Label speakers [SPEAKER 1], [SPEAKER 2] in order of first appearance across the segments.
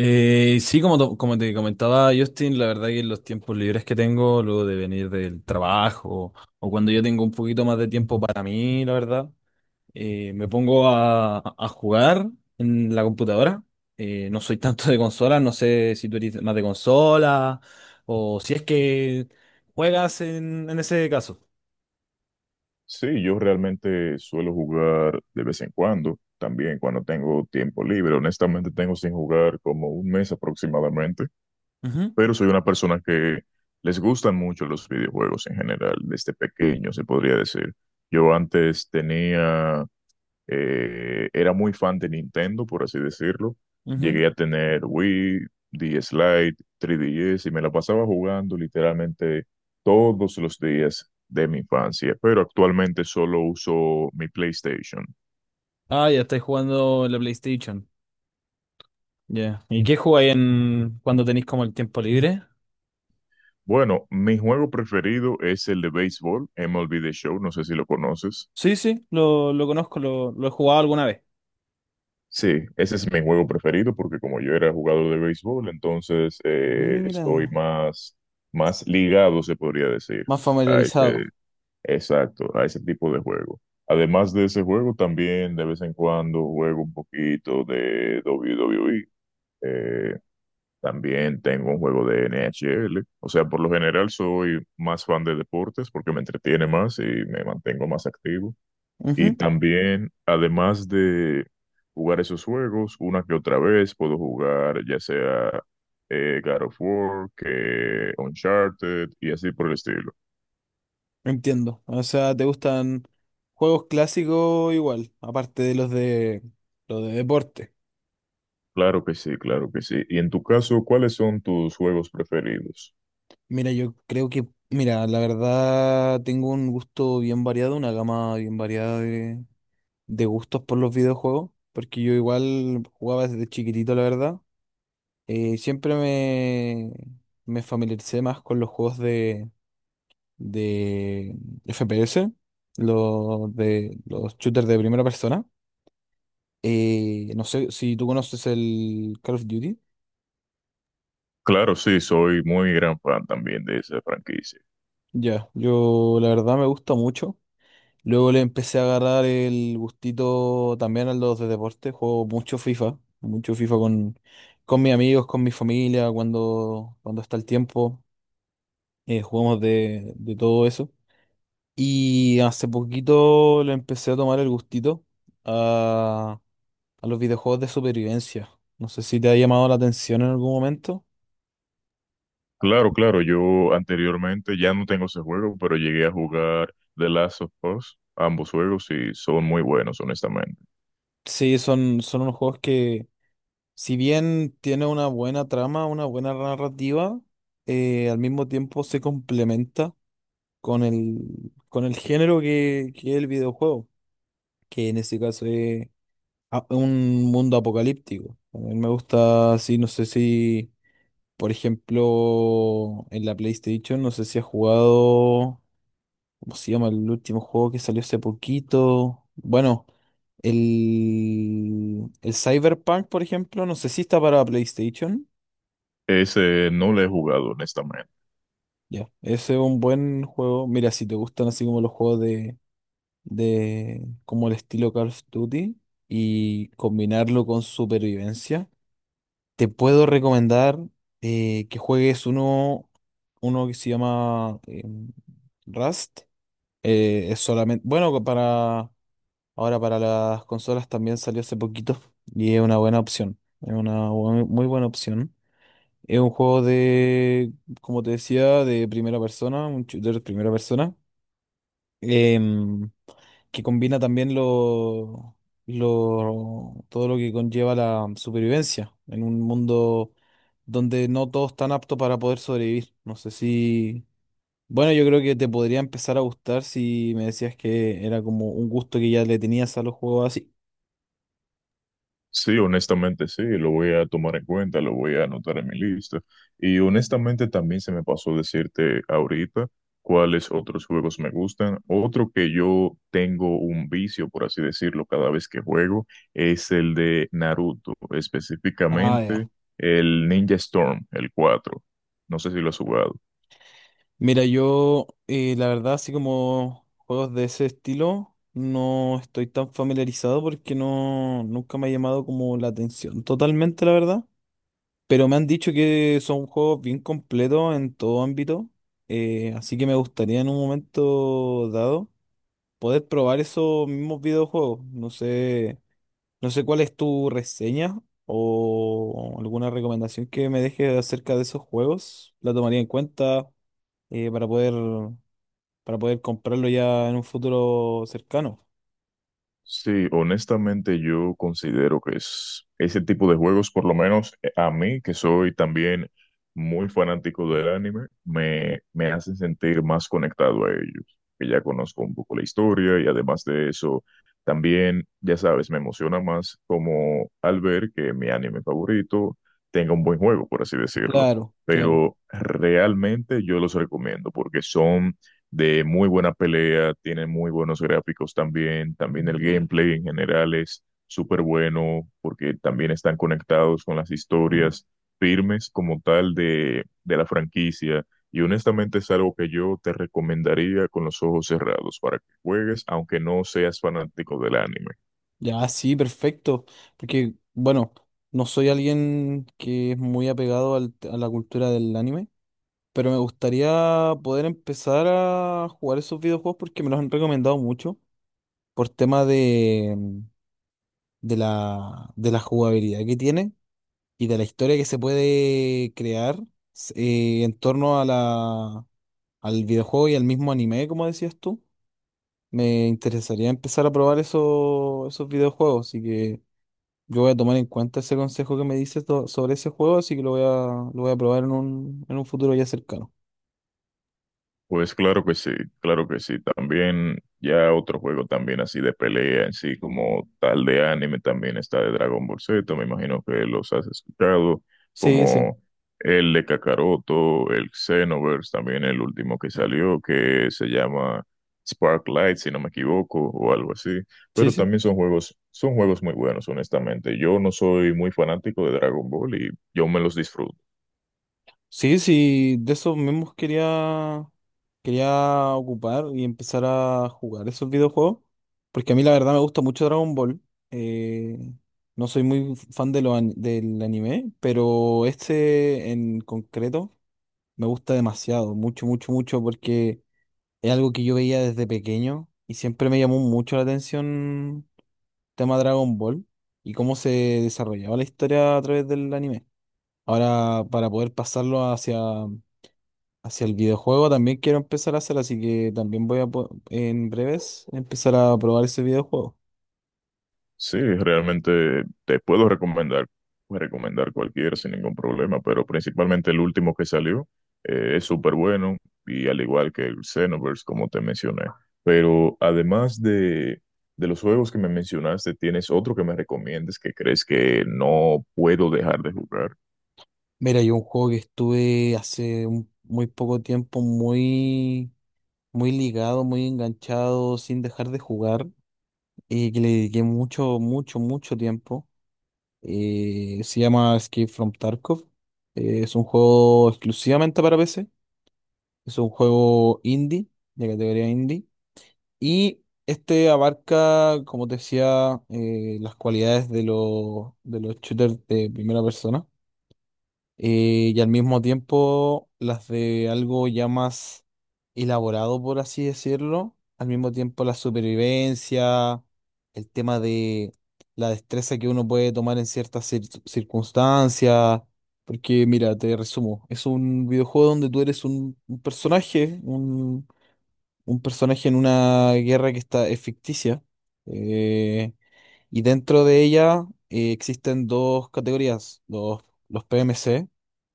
[SPEAKER 1] Sí, como, como te comentaba Justin, la verdad que los tiempos libres que tengo, luego de venir del trabajo o cuando yo tengo un poquito más de tiempo para mí, la verdad, me pongo a jugar en la computadora. No soy tanto de consola, no sé si tú eres más de consola o si es que juegas en ese caso.
[SPEAKER 2] Sí, yo realmente suelo jugar de vez en cuando, también cuando tengo tiempo libre. Honestamente, tengo sin jugar como un mes aproximadamente, pero soy una persona que les gustan mucho los videojuegos en general, desde pequeño, se podría decir. Yo antes tenía era muy fan de Nintendo, por así decirlo.
[SPEAKER 1] Ujú, ujú.
[SPEAKER 2] Llegué a tener Wii, DS Lite, 3DS y me la pasaba jugando literalmente todos los días de mi infancia, pero actualmente solo uso mi PlayStation.
[SPEAKER 1] Ah, ya estáis jugando en la PlayStation. Ya. ¿Y qué jugáis en, cuando tenéis como el tiempo libre?
[SPEAKER 2] Bueno, mi juego preferido es el de béisbol, MLB The Show, no sé si lo conoces.
[SPEAKER 1] Sí, sí, lo conozco, lo he jugado alguna vez.
[SPEAKER 2] Sí, ese es mi juego preferido porque como yo era jugador de béisbol, entonces
[SPEAKER 1] Mira,
[SPEAKER 2] estoy más, más ligado, se podría decir,
[SPEAKER 1] más
[SPEAKER 2] a ese,
[SPEAKER 1] familiarizado.
[SPEAKER 2] exacto, a ese tipo de juego. Además de ese juego, también de vez en cuando juego un poquito de WWE. eh, También tengo un juego de NHL. O sea, por lo general soy más fan de deportes porque me entretiene más y me mantengo más activo. Y
[SPEAKER 1] Ujú.
[SPEAKER 2] también, además de jugar esos juegos, una que otra vez puedo jugar ya sea God of War, que Uncharted y así por el estilo.
[SPEAKER 1] Entiendo. O sea, ¿te gustan juegos clásicos igual, aparte de los de los de deporte?
[SPEAKER 2] Claro que sí, claro que sí. Y en tu caso, ¿cuáles son tus juegos preferidos?
[SPEAKER 1] Mira, yo creo que, mira, la verdad tengo un gusto bien variado, una gama bien variada de gustos por los videojuegos, porque yo igual jugaba desde chiquitito, la verdad. Siempre me familiaricé más con los juegos de FPS, los de los shooters de primera persona. No sé si tú conoces el Call of Duty.
[SPEAKER 2] Claro, sí, soy muy gran fan también de esa franquicia.
[SPEAKER 1] Ya, yo la verdad me gusta mucho. Luego le empecé a agarrar el gustito también a los de deporte. Juego mucho FIFA con mis amigos, con mi familia, cuando está el tiempo. Jugamos de todo eso. Y hace poquito le empecé a tomar el gustito a los videojuegos de supervivencia. No sé si te ha llamado la atención en algún momento.
[SPEAKER 2] Claro, claro, yo anteriormente ya no tengo ese juego, pero llegué a jugar The Last of Us, ambos juegos, y son muy buenos, honestamente.
[SPEAKER 1] Sí, son, son unos juegos que, si bien tiene una buena trama, una buena narrativa, al mismo tiempo se complementa con con el género que es el videojuego, que en este caso es un mundo apocalíptico. A mí me gusta, así, no sé si, por ejemplo, en la PlayStation, no sé si has jugado. ¿Cómo se llama el último juego que salió hace poquito? Bueno, el Cyberpunk, por ejemplo, no sé si está para PlayStation.
[SPEAKER 2] Ese no lo he jugado, honestamente.
[SPEAKER 1] Ya, ese es un buen juego. Mira, si te gustan así como los juegos de como el estilo Call of Duty y combinarlo con supervivencia, te puedo recomendar que juegues uno, uno que se llama Rust. Es solamente, bueno, para ahora para las consolas también salió hace poquito y es una buena opción. Es una muy buena opción. Es un juego de, como te decía, de primera persona, un shooter de primera persona, em, que combina también lo, todo lo que conlleva la supervivencia en un mundo donde no todos están aptos para poder sobrevivir. No sé si... Bueno, yo creo que te podría empezar a gustar si me decías que era como un gusto que ya le tenías a los juegos así.
[SPEAKER 2] Sí, honestamente sí, lo voy a tomar en cuenta, lo voy a anotar en mi lista. Y honestamente también se me pasó decirte ahorita cuáles otros juegos me gustan. Otro que yo tengo un vicio, por así decirlo, cada vez que juego es el de Naruto,
[SPEAKER 1] Ah,
[SPEAKER 2] específicamente
[SPEAKER 1] ya.
[SPEAKER 2] el Ninja Storm, el 4. No sé si lo has jugado.
[SPEAKER 1] Mira, yo la verdad, así como juegos de ese estilo, no estoy tan familiarizado porque no, nunca me ha llamado como la atención totalmente, la verdad. Pero me han dicho que son juegos bien completos en todo ámbito, así que me gustaría en un momento dado poder probar esos mismos videojuegos. No sé, no sé cuál es tu reseña o alguna recomendación que me dejes acerca de esos juegos. La tomaría en cuenta eh, para poder para poder comprarlo ya en un futuro cercano.
[SPEAKER 2] Sí, honestamente yo considero que es ese tipo de juegos, por lo menos a mí, que soy también muy fanático del anime, me hacen sentir más conectado a ellos, que ya conozco un poco la historia y además de eso, también, ya sabes, me emociona más como al ver que mi anime favorito tenga un buen juego, por así decirlo.
[SPEAKER 1] Claro, claro.
[SPEAKER 2] Pero realmente yo los recomiendo porque son de muy buena pelea, tiene muy buenos gráficos también, también el gameplay en general es súper bueno porque también están conectados con las historias firmes como tal de la franquicia y honestamente es algo que yo te recomendaría con los ojos cerrados para que juegues aunque no seas fanático del anime.
[SPEAKER 1] Ya, sí, perfecto. Porque, bueno, no soy alguien que es muy apegado a la cultura del anime, pero me gustaría poder empezar a jugar esos videojuegos porque me los han recomendado mucho por tema de, de de la jugabilidad que tiene y de la historia que se puede crear en torno a al videojuego y al mismo anime, como decías tú. Me interesaría empezar a probar esos videojuegos, así que yo voy a tomar en cuenta ese consejo que me dices sobre ese juego, así que lo lo voy a probar en un futuro ya cercano.
[SPEAKER 2] Pues claro que sí, claro que sí. También ya otro juego también así de pelea en sí como tal de anime también está de Dragon Ball Z, me imagino que los has escuchado,
[SPEAKER 1] Sí, sí,
[SPEAKER 2] como el de Kakaroto, el Xenoverse, también el último que salió que se llama Sparklight, si no me equivoco, o algo así.
[SPEAKER 1] sí,
[SPEAKER 2] Pero
[SPEAKER 1] sí.
[SPEAKER 2] también son juegos muy buenos, honestamente. Yo no soy muy fanático de Dragon Ball y yo me los disfruto.
[SPEAKER 1] Sí, sí, de esos mismos quería, quería ocupar y empezar a jugar esos videojuegos, porque a mí la verdad me gusta mucho Dragon Ball. eh, no soy muy fan de lo del anime, pero este en concreto me gusta demasiado, mucho, mucho, mucho, porque es algo que yo veía desde pequeño y siempre me llamó mucho la atención el tema Dragon Ball y cómo se desarrollaba la historia a través del anime. Ahora, para poder pasarlo hacia, hacia el videojuego, también quiero empezar a hacer, así que también voy a, en breves, empezar a probar ese videojuego.
[SPEAKER 2] Sí, realmente te puedo recomendar cualquier sin ningún problema, pero principalmente el último que salió es súper bueno y al igual que el Xenoverse, como te mencioné. Pero además de los juegos que me mencionaste, ¿tienes otro que me recomiendes que crees que no puedo dejar de jugar?
[SPEAKER 1] Mira, yo un juego que estuve hace muy poco tiempo muy, muy ligado, muy enganchado, sin dejar de jugar y que le dediqué mucho, mucho, mucho tiempo. Se llama Escape from Tarkov. Es un juego exclusivamente para PC. Es un juego indie, de categoría indie. Y este abarca, como te decía, las cualidades de los shooters de primera persona y al mismo tiempo las de algo ya más elaborado, por así decirlo. Al mismo tiempo la supervivencia, el tema de la destreza que uno puede tomar en ciertas circunstancias. Porque mira, te resumo, es un videojuego donde tú eres un personaje en una guerra que está, es ficticia. eh, y dentro de ella existen dos categorías, los PMC,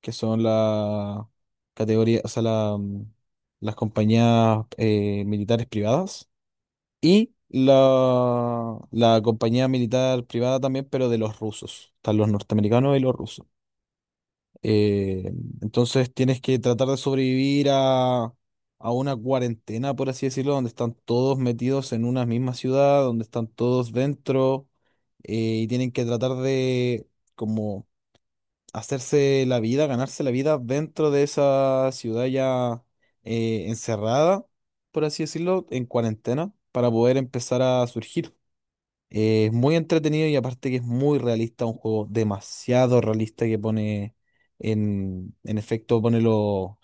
[SPEAKER 1] que son la categoría, o sea, la, las compañías militares privadas y la compañía militar privada también, pero de los rusos. Están los norteamericanos y los rusos. Eh, entonces tienes que tratar de sobrevivir a una cuarentena, por así decirlo, donde están todos metidos en una misma ciudad, donde están todos dentro y tienen que tratar de como hacerse la vida, ganarse la vida dentro de esa ciudad ya encerrada, por así decirlo, en cuarentena, para poder empezar a surgir. Es muy entretenido y aparte que es muy realista, un juego demasiado realista que pone en efecto, pone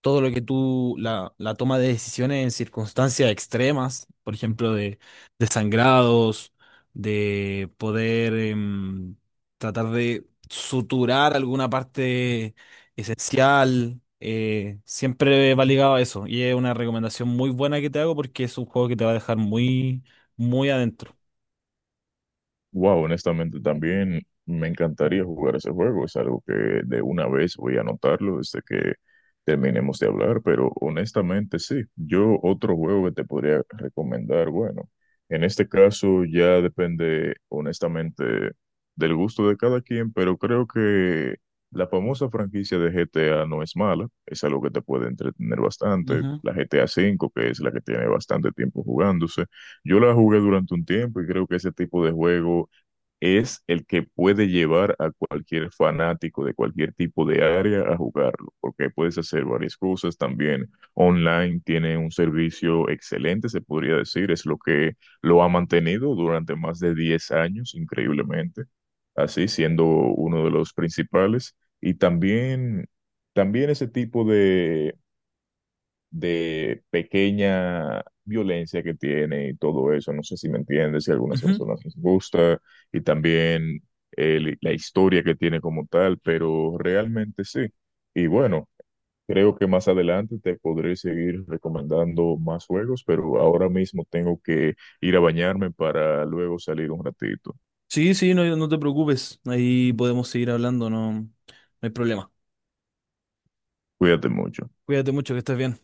[SPEAKER 1] todo lo que tú, la toma de decisiones en circunstancias extremas, por ejemplo, de sangrados, de poder tratar de suturar alguna parte esencial, siempre va ligado a eso. Y es una recomendación muy buena que te hago porque es un juego que te va a dejar muy, muy adentro.
[SPEAKER 2] Wow, honestamente también me encantaría jugar ese juego. Es algo que de una vez voy a anotarlo desde que terminemos de hablar, pero honestamente sí. Yo otro juego que te podría recomendar, bueno, en este caso ya depende honestamente del gusto de cada quien, pero creo que la famosa franquicia de GTA no es mala. Es algo que te puede entretener bastante.
[SPEAKER 1] Ujú.
[SPEAKER 2] La GTA V, que es la que tiene bastante tiempo jugándose. Yo la jugué durante un tiempo y creo que ese tipo de juego es el que puede llevar a cualquier fanático de cualquier tipo de área a jugarlo, porque puedes hacer varias cosas también. Online tiene un servicio excelente, se podría decir, es lo que lo ha mantenido durante más de 10 años, increíblemente, así siendo uno de los principales. Y también, también ese tipo de pequeña violencia que tiene y todo eso. No sé si me entiendes, si a algunas
[SPEAKER 1] Ujú.
[SPEAKER 2] personas les gusta y también la historia que tiene como tal, pero realmente sí. Y bueno, creo que más adelante te podré seguir recomendando más juegos, pero ahora mismo tengo que ir a bañarme para luego salir un ratito.
[SPEAKER 1] Sí, sí, no, no te preocupes. Ahí podemos seguir hablando, no, no hay problema.
[SPEAKER 2] Cuídate mucho.
[SPEAKER 1] Cuídate mucho, que estés bien.